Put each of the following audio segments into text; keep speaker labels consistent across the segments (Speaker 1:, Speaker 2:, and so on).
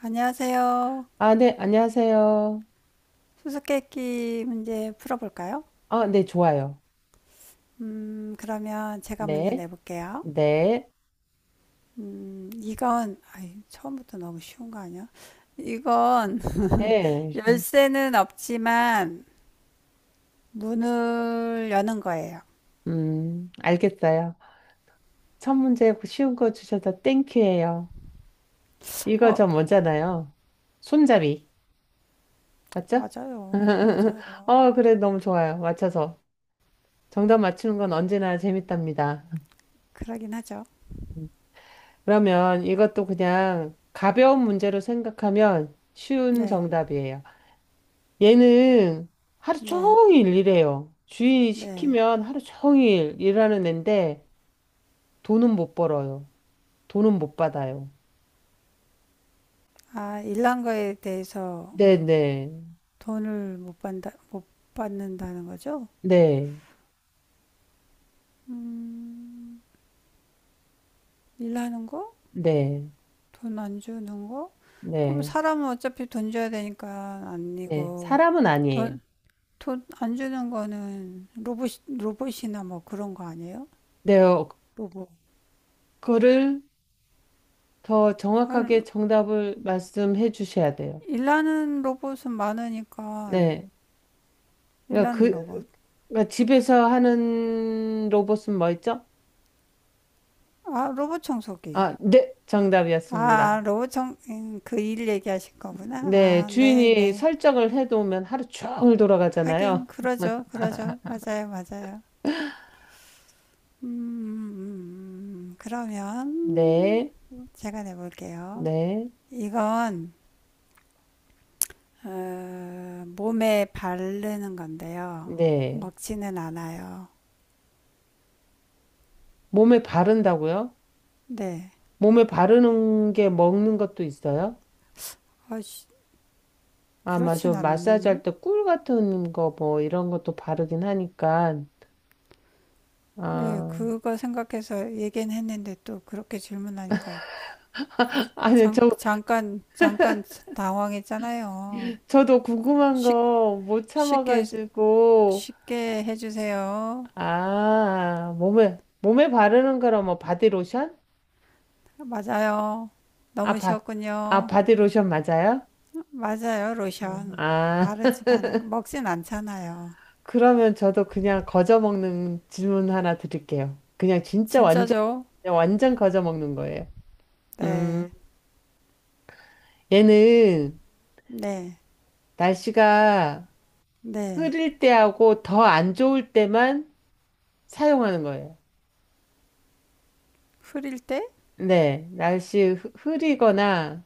Speaker 1: 안녕하세요.
Speaker 2: 아, 네, 안녕하세요.
Speaker 1: 수수께끼 문제 풀어볼까요?
Speaker 2: 아, 네, 좋아요.
Speaker 1: 그러면 제가 먼저
Speaker 2: 네,
Speaker 1: 내볼게요.
Speaker 2: 네,
Speaker 1: 이건, 아이, 처음부터 너무 쉬운 거 아니야? 이건
Speaker 2: 네.
Speaker 1: 열쇠는 없지만 문을 여는 거예요.
Speaker 2: 알겠어요. 첫 문제 쉬운 거 주셔서 땡큐예요. 이거
Speaker 1: 어,
Speaker 2: 저 뭐잖아요. 손잡이. 맞죠?
Speaker 1: 맞아요. 맞아요.
Speaker 2: 어, 그래, 너무 좋아요. 맞춰서. 정답 맞추는 건 언제나 재밌답니다.
Speaker 1: 그러긴 하죠.
Speaker 2: 그러면 이것도 그냥 가벼운 문제로 생각하면 쉬운
Speaker 1: 네,
Speaker 2: 정답이에요. 얘는 하루
Speaker 1: 네,
Speaker 2: 종일 일해요. 주인이
Speaker 1: 네.
Speaker 2: 시키면 하루 종일 일하는 애인데 돈은 못 벌어요. 돈은 못 받아요.
Speaker 1: 아, 일한 거에 대해서
Speaker 2: 네네.
Speaker 1: 돈을 못 받는다, 못 받는다는 거죠?
Speaker 2: 네. 네.
Speaker 1: 일하는 거?
Speaker 2: 네.
Speaker 1: 돈 안 주는 거? 그럼
Speaker 2: 네.
Speaker 1: 사람은 어차피 돈 줘야 되니까
Speaker 2: 네.
Speaker 1: 아니고
Speaker 2: 사람은 아니에요.
Speaker 1: 돈, 돈 안 주는 거는 로봇, 로봇이나 뭐 그런 거 아니에요?
Speaker 2: 네. 어,
Speaker 1: 로봇.
Speaker 2: 그거를 더
Speaker 1: 아,
Speaker 2: 정확하게 정답을 말씀해 주셔야 돼요.
Speaker 1: 일하는 로봇은 많으니까
Speaker 2: 네. 그러니까
Speaker 1: 일하는 로봇.
Speaker 2: 그, 그러니까 집에서 하는 로봇은 뭐였죠?
Speaker 1: 아, 로봇 청소기.
Speaker 2: 아, 네.
Speaker 1: 아,
Speaker 2: 정답이었습니다.
Speaker 1: 아, 로봇 청, 그일 얘기하실 거구나.
Speaker 2: 네,
Speaker 1: 아, 네,
Speaker 2: 주인이
Speaker 1: 네.
Speaker 2: 설정을 해놓으면 하루 종일 돌아가잖아요.
Speaker 1: 하긴 그러죠, 그러죠. 맞아요, 맞아요. 음. 그러면
Speaker 2: 네,
Speaker 1: 제가 내볼게요.
Speaker 2: 네,
Speaker 1: 이건 어, 몸에 바르는 건데요.
Speaker 2: 네.
Speaker 1: 먹지는 않아요.
Speaker 2: 몸에 바른다고요?
Speaker 1: 네.
Speaker 2: 몸에 바르는 게 먹는 것도 있어요?
Speaker 1: 아, 씨,
Speaker 2: 아, 맞아.
Speaker 1: 그렇진
Speaker 2: 마사지
Speaker 1: 않,
Speaker 2: 할 때 꿀 같은 거 뭐 이런 것도 바르긴 하니까.
Speaker 1: 네,
Speaker 2: 아,
Speaker 1: 그거 생각해서 얘기는 했는데 또 그렇게 질문하니까
Speaker 2: 아니,
Speaker 1: 잠,
Speaker 2: 저,
Speaker 1: 잠깐, 잠깐 당황했잖아요.
Speaker 2: 저도 궁금한
Speaker 1: 쉽,
Speaker 2: 거 못
Speaker 1: 쉽게,
Speaker 2: 참아가지고.
Speaker 1: 쉽게 해주세요.
Speaker 2: 아, 몸에, 몸에 바르는 거라 뭐 바디로션?
Speaker 1: 맞아요. 너무
Speaker 2: 아, 바, 아,
Speaker 1: 쉬웠군요.
Speaker 2: 바디로션 맞아요?
Speaker 1: 맞아요,
Speaker 2: 어,
Speaker 1: 로션.
Speaker 2: 아.
Speaker 1: 바르지만 먹진 않잖아요.
Speaker 2: 그러면 저도 그냥 거저먹는 질문 하나 드릴게요. 그냥 진짜 완전,
Speaker 1: 진짜죠?
Speaker 2: 그냥 완전 거저먹는 거예요.
Speaker 1: 네,
Speaker 2: 음, 얘는
Speaker 1: 네,
Speaker 2: 날씨가
Speaker 1: 네.
Speaker 2: 흐릴 때하고 더 안 좋을 때만 사용하는 거예요.
Speaker 1: 흐릴 때?
Speaker 2: 네, 날씨 흐리거나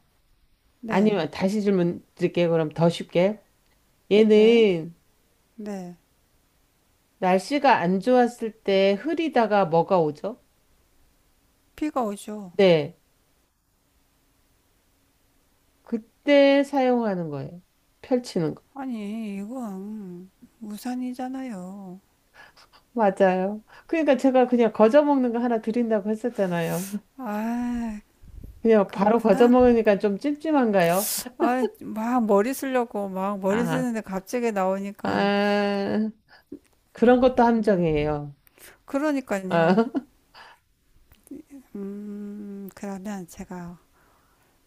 Speaker 1: 네,
Speaker 2: 아니면 다시 질문 드릴게요. 그럼 더 쉽게.
Speaker 1: 네,
Speaker 2: 얘는
Speaker 1: 네.
Speaker 2: 날씨가 안 좋았을 때 흐리다가 뭐가 오죠?
Speaker 1: 비가 오죠.
Speaker 2: 네, 그때 사용하는 거예요. 펼치는
Speaker 1: 아니, 이건 우산이잖아요.
Speaker 2: 맞아요. 그러니까 제가 그냥 거저 먹는 거 하나 드린다고 했었잖아요.
Speaker 1: 아,
Speaker 2: 그냥 바로 거저
Speaker 1: 그렇구나.
Speaker 2: 먹으니까 좀 찜찜한가요?
Speaker 1: 아, 막 머리 쓰려고 막 머리
Speaker 2: 아,
Speaker 1: 쓰는데 갑자기 나오니까,
Speaker 2: 아, 그런 것도
Speaker 1: 음,
Speaker 2: 함정이에요. 아,
Speaker 1: 그러니까요. 그러면 제가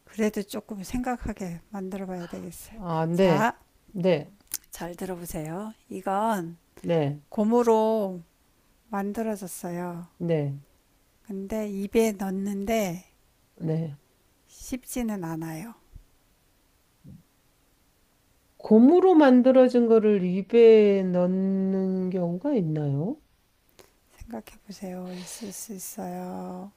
Speaker 1: 그래도 조금 생각하게 만들어 봐야 되겠어요.
Speaker 2: 아, 네,
Speaker 1: 자,
Speaker 2: 네,
Speaker 1: 잘 들어보세요. 이건
Speaker 2: 네,
Speaker 1: 고무로 만들어졌어요.
Speaker 2: 네,
Speaker 1: 근데 입에 넣는데
Speaker 2: 네.
Speaker 1: 쉽지는 않아요.
Speaker 2: 고무로 만들어진 거를 입에 넣는 경우가 있나요?
Speaker 1: 생각해 보세요. 있을 수 있어요.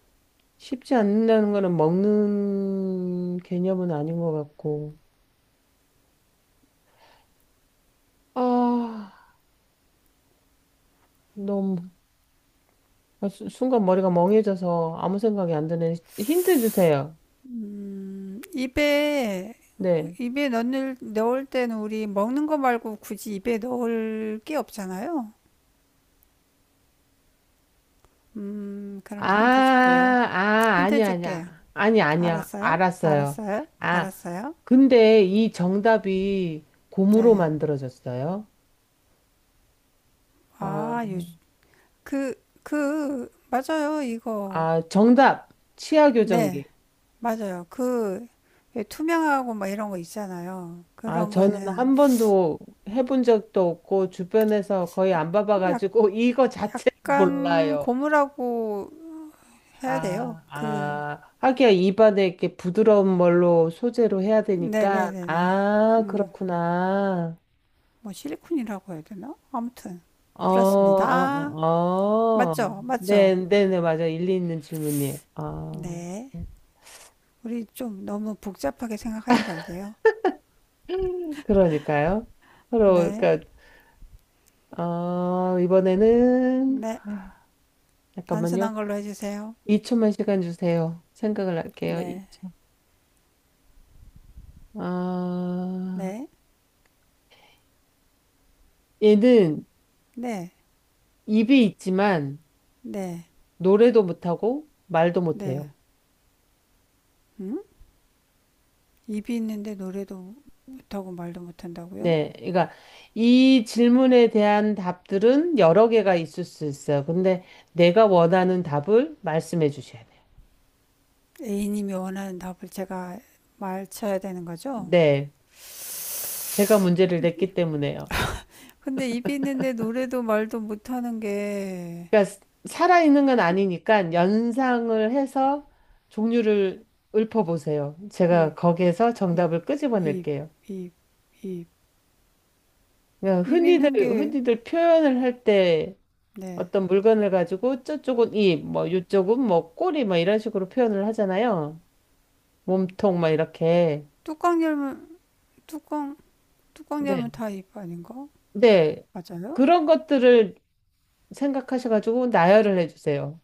Speaker 2: 쉽지 않는다는 거는 먹는 개념은 아닌 것 같고. 아, 너무. 아, 순간 머리가 멍해져서 아무 생각이 안 드네. 힌트 주세요.
Speaker 1: 입에
Speaker 2: 네.
Speaker 1: 입에 넣을 때는 우리 먹는 거 말고 굳이 입에 넣을 게 없잖아요.
Speaker 2: 아,
Speaker 1: 그럼 힌트 줄게요.
Speaker 2: 아,
Speaker 1: 힌트
Speaker 2: 아니야,
Speaker 1: 줄게요.
Speaker 2: 아니야. 아니, 아니야.
Speaker 1: 알았어요?
Speaker 2: 알았어요.
Speaker 1: 알았어요?
Speaker 2: 아,
Speaker 1: 알았어요?
Speaker 2: 근데 이 정답이 고무로
Speaker 1: 네.
Speaker 2: 만들어졌어요. 아,
Speaker 1: 아, 요, 그, 그, 맞아요, 이거.
Speaker 2: 아, 정답. 치아
Speaker 1: 네,
Speaker 2: 교정기.
Speaker 1: 맞아요. 그, 왜 투명하고 막 이런 거 있잖아요.
Speaker 2: 아,
Speaker 1: 그런
Speaker 2: 저는
Speaker 1: 거는
Speaker 2: 한 번도 해본 적도 없고, 주변에서 거의 안
Speaker 1: 약,
Speaker 2: 봐봐가지고, 이거 자체를
Speaker 1: 약간
Speaker 2: 몰라요.
Speaker 1: 고무라고 해야 돼요.
Speaker 2: 아,
Speaker 1: 그,
Speaker 2: 아, 하기야 입안에 이렇게 부드러운 걸로 소재로 해야 되니까.
Speaker 1: 네네네네.
Speaker 2: 아,
Speaker 1: 음,
Speaker 2: 그렇구나.
Speaker 1: 뭐 실리콘이라고 해야 되나? 아무튼,
Speaker 2: 어, 어,
Speaker 1: 그렇습니다.
Speaker 2: 어, 어.
Speaker 1: 맞죠?
Speaker 2: 네,
Speaker 1: 맞죠?
Speaker 2: 네, 네, 맞아. 일리 있는 질문이에요. 아,
Speaker 1: 네. 우리 좀 너무 복잡하게 생각하지 말게요.
Speaker 2: 그러니까요.
Speaker 1: 네.
Speaker 2: 그러니까, 어, 이번에는,
Speaker 1: 네.
Speaker 2: 아, 잠깐만요.
Speaker 1: 단순한 걸로 해주세요.
Speaker 2: 2초만 시간 주세요. 생각을 할게요.
Speaker 1: 네.
Speaker 2: 2초. 아,
Speaker 1: 네.
Speaker 2: 얘는
Speaker 1: 네.
Speaker 2: 입이 있지만,
Speaker 1: 네.
Speaker 2: 노래도 못하고, 말도
Speaker 1: 네.
Speaker 2: 못해요.
Speaker 1: 음? 입이 있는데 노래도 못하고 말도 못한다고요?
Speaker 2: 네, 그러니까 이 질문에 대한 답들은 여러 개가 있을 수 있어요. 근데 내가 원하는 답을 말씀해 주셔야 돼요.
Speaker 1: A님이 원하는 답을 제가 말쳐야 되는 거죠?
Speaker 2: 네, 제가 문제를 냈기 때문에요.
Speaker 1: 근데 입이 있는데 노래도 말도 못하는 게
Speaker 2: 그러니까 살아있는 건 아니니까 연상을 해서 종류를 읊어보세요.
Speaker 1: 입,
Speaker 2: 제가 거기에서
Speaker 1: 입,
Speaker 2: 정답을
Speaker 1: 입,
Speaker 2: 끄집어낼게요.
Speaker 1: 입, 입.
Speaker 2: 그러니까
Speaker 1: 입
Speaker 2: 흔히들,
Speaker 1: 있는 게,
Speaker 2: 흔히들 표현을 할 때
Speaker 1: 네.
Speaker 2: 어떤 물건을 가지고 저쪽은 입, 뭐 이쪽은 뭐 꼬리, 뭐 이런 식으로 표현을 하잖아요. 몸통, 막 이렇게.
Speaker 1: 뚜껑 열면, 뚜껑, 뚜껑 열면
Speaker 2: 네,
Speaker 1: 다 입 아닌가?
Speaker 2: 네.
Speaker 1: 맞아요?
Speaker 2: 그런 것들을 생각하셔가지고 나열을 해주세요.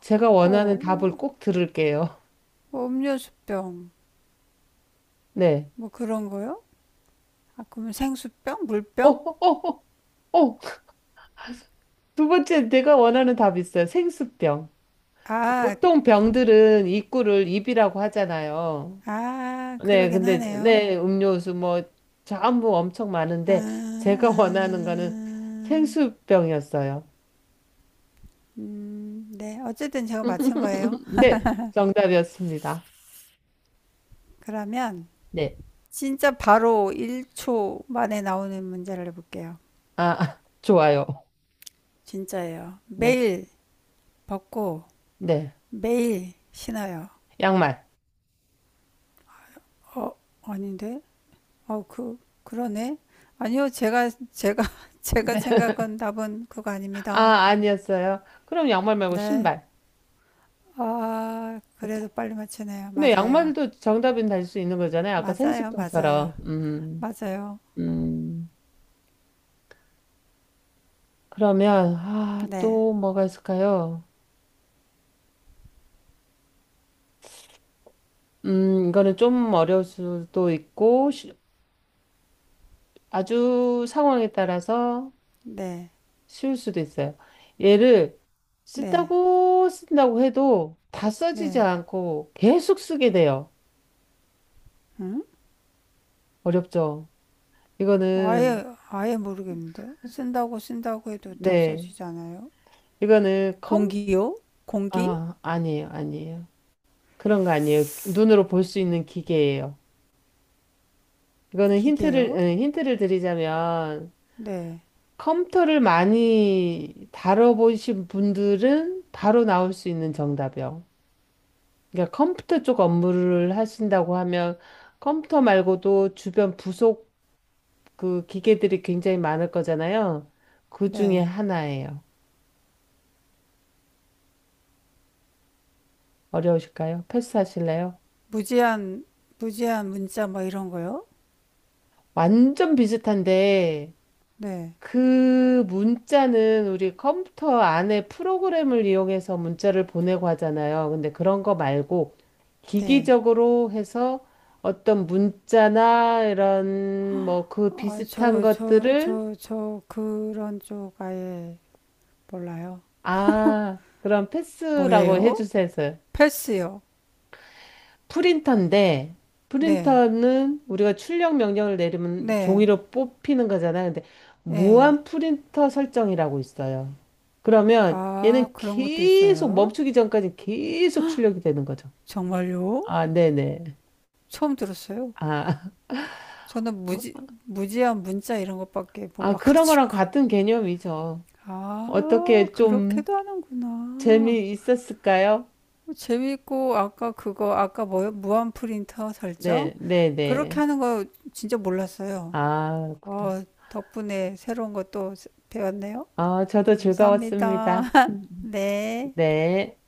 Speaker 2: 제가
Speaker 1: 뭐,
Speaker 2: 원하는 답을
Speaker 1: 뭐,
Speaker 2: 꼭 들을게요.
Speaker 1: 뭐 음료수병,
Speaker 2: 네.
Speaker 1: 뭐 그런 거요? 아, 그러면 생수병?
Speaker 2: 어,
Speaker 1: 물병?
Speaker 2: 어, 어, 어. 두 번째, 내가 원하는 답이 있어요. 생수병.
Speaker 1: 아,
Speaker 2: 보통 병들은 입구를 입이라고 하잖아요.
Speaker 1: 아,
Speaker 2: 네,
Speaker 1: 그러긴
Speaker 2: 근데,
Speaker 1: 하네요.
Speaker 2: 네, 음료수 뭐, 전부 엄청
Speaker 1: 아,
Speaker 2: 많은데, 제가 원하는
Speaker 1: 아,
Speaker 2: 거는 생수병이었어요.
Speaker 1: 네. 어쨌든 제가 맞힌 거예요.
Speaker 2: 네, 정답이었습니다.
Speaker 1: 그러면,
Speaker 2: 네.
Speaker 1: 진짜 바로 1초 만에 나오는 문제를 해볼게요.
Speaker 2: 아, 아, 좋아요.
Speaker 1: 진짜예요.
Speaker 2: 네,
Speaker 1: 매일 벗고
Speaker 2: 네.
Speaker 1: 매일 신어요.
Speaker 2: 양말.
Speaker 1: 어, 아닌데? 어, 그, 그러네? 아니요, 제가, 제가, 제가
Speaker 2: 네.
Speaker 1: 생각한 답은 그거
Speaker 2: 아,
Speaker 1: 아닙니다.
Speaker 2: 아니었어요. 그럼 양말 말고
Speaker 1: 네.
Speaker 2: 신발.
Speaker 1: 아, 그래도 빨리 맞추네요.
Speaker 2: 근데
Speaker 1: 맞아요.
Speaker 2: 양말도 정답은 달 수 있는 거잖아요. 아까
Speaker 1: 맞아요, 맞아요.
Speaker 2: 생수병처럼.
Speaker 1: 맞아요.
Speaker 2: 음. 그러면, 아,
Speaker 1: 네,
Speaker 2: 또 뭐가 있을까요? 이거는 좀 어려울 수도 있고, 아주 상황에 따라서
Speaker 1: 네,
Speaker 2: 쉬울 수도 있어요. 얘를
Speaker 1: 네,
Speaker 2: 쓴다고 쓴다고 해도 다 써지지
Speaker 1: 네.
Speaker 2: 않고 계속 쓰게 돼요.
Speaker 1: 응?
Speaker 2: 어렵죠? 이거는,
Speaker 1: 아예, 아예 모르겠는데? 쓴다고 쓴다고 해도 다
Speaker 2: 네.
Speaker 1: 써지잖아요.
Speaker 2: 이거는 컴
Speaker 1: 공기요? 공기?
Speaker 2: 아, 아니에요, 아니에요. 그런 거 아니에요. 눈으로 볼 수 있는 기계예요. 이거는
Speaker 1: 기계요?
Speaker 2: 힌트를 드리자면,
Speaker 1: 네,
Speaker 2: 컴퓨터를 많이 다뤄보신 분들은 바로 나올 수 있는 정답이요. 그러니까 컴퓨터 쪽 업무를 하신다고 하면, 컴퓨터 말고도 주변 부속 그 기계들이 굉장히 많을 거잖아요. 그 중에
Speaker 1: 네.
Speaker 2: 하나예요. 어려우실까요? 패스하실래요?
Speaker 1: 무제한 무제한 문자 뭐 이런 거요?
Speaker 2: 완전 비슷한데,
Speaker 1: 네.
Speaker 2: 그 문자는 우리 컴퓨터 안에 프로그램을 이용해서 문자를 보내고 하잖아요. 근데 그런 거 말고
Speaker 1: 네.
Speaker 2: 기기적으로 해서 어떤 문자나 이런 뭐 그
Speaker 1: 아,
Speaker 2: 비슷한
Speaker 1: 저, 저,
Speaker 2: 것들을
Speaker 1: 저, 저 그런 쪽 아예 몰라요.
Speaker 2: 아, 그런 패스라고
Speaker 1: 뭐예요?
Speaker 2: 해주세요.
Speaker 1: 패스요.
Speaker 2: 프린터인데,
Speaker 1: 네.
Speaker 2: 프린터는 우리가 출력 명령을 내리면
Speaker 1: 네.
Speaker 2: 종이로 뽑히는 거잖아요. 근데
Speaker 1: 네.
Speaker 2: 무한 프린터 설정이라고 있어요. 그러면
Speaker 1: 아,
Speaker 2: 얘는
Speaker 1: 그런 것도
Speaker 2: 계속
Speaker 1: 있어요.
Speaker 2: 멈추기 전까지 계속 출력이 되는 거죠.
Speaker 1: 정말요?
Speaker 2: 아, 네네.
Speaker 1: 처음 들었어요.
Speaker 2: 아,
Speaker 1: 저는 무지, 무제한 문자 이런 것밖에
Speaker 2: 아, 그런 거랑
Speaker 1: 몰라가지고.
Speaker 2: 같은 개념이죠.
Speaker 1: 아,
Speaker 2: 어떻게 좀
Speaker 1: 그렇게도 하는구나.
Speaker 2: 재미있었을까요?
Speaker 1: 재밌고 아까 그거 아까 뭐요? 무한 프린터 설정?
Speaker 2: 네, 네,
Speaker 1: 그렇게
Speaker 2: 네.
Speaker 1: 하는 거 진짜 몰랐어요.
Speaker 2: 아, 그렇구나.
Speaker 1: 어, 덕분에 새로운 것도 배웠네요.
Speaker 2: 아, 저도
Speaker 1: 감사합니다.
Speaker 2: 즐거웠습니다.
Speaker 1: 네.
Speaker 2: 네.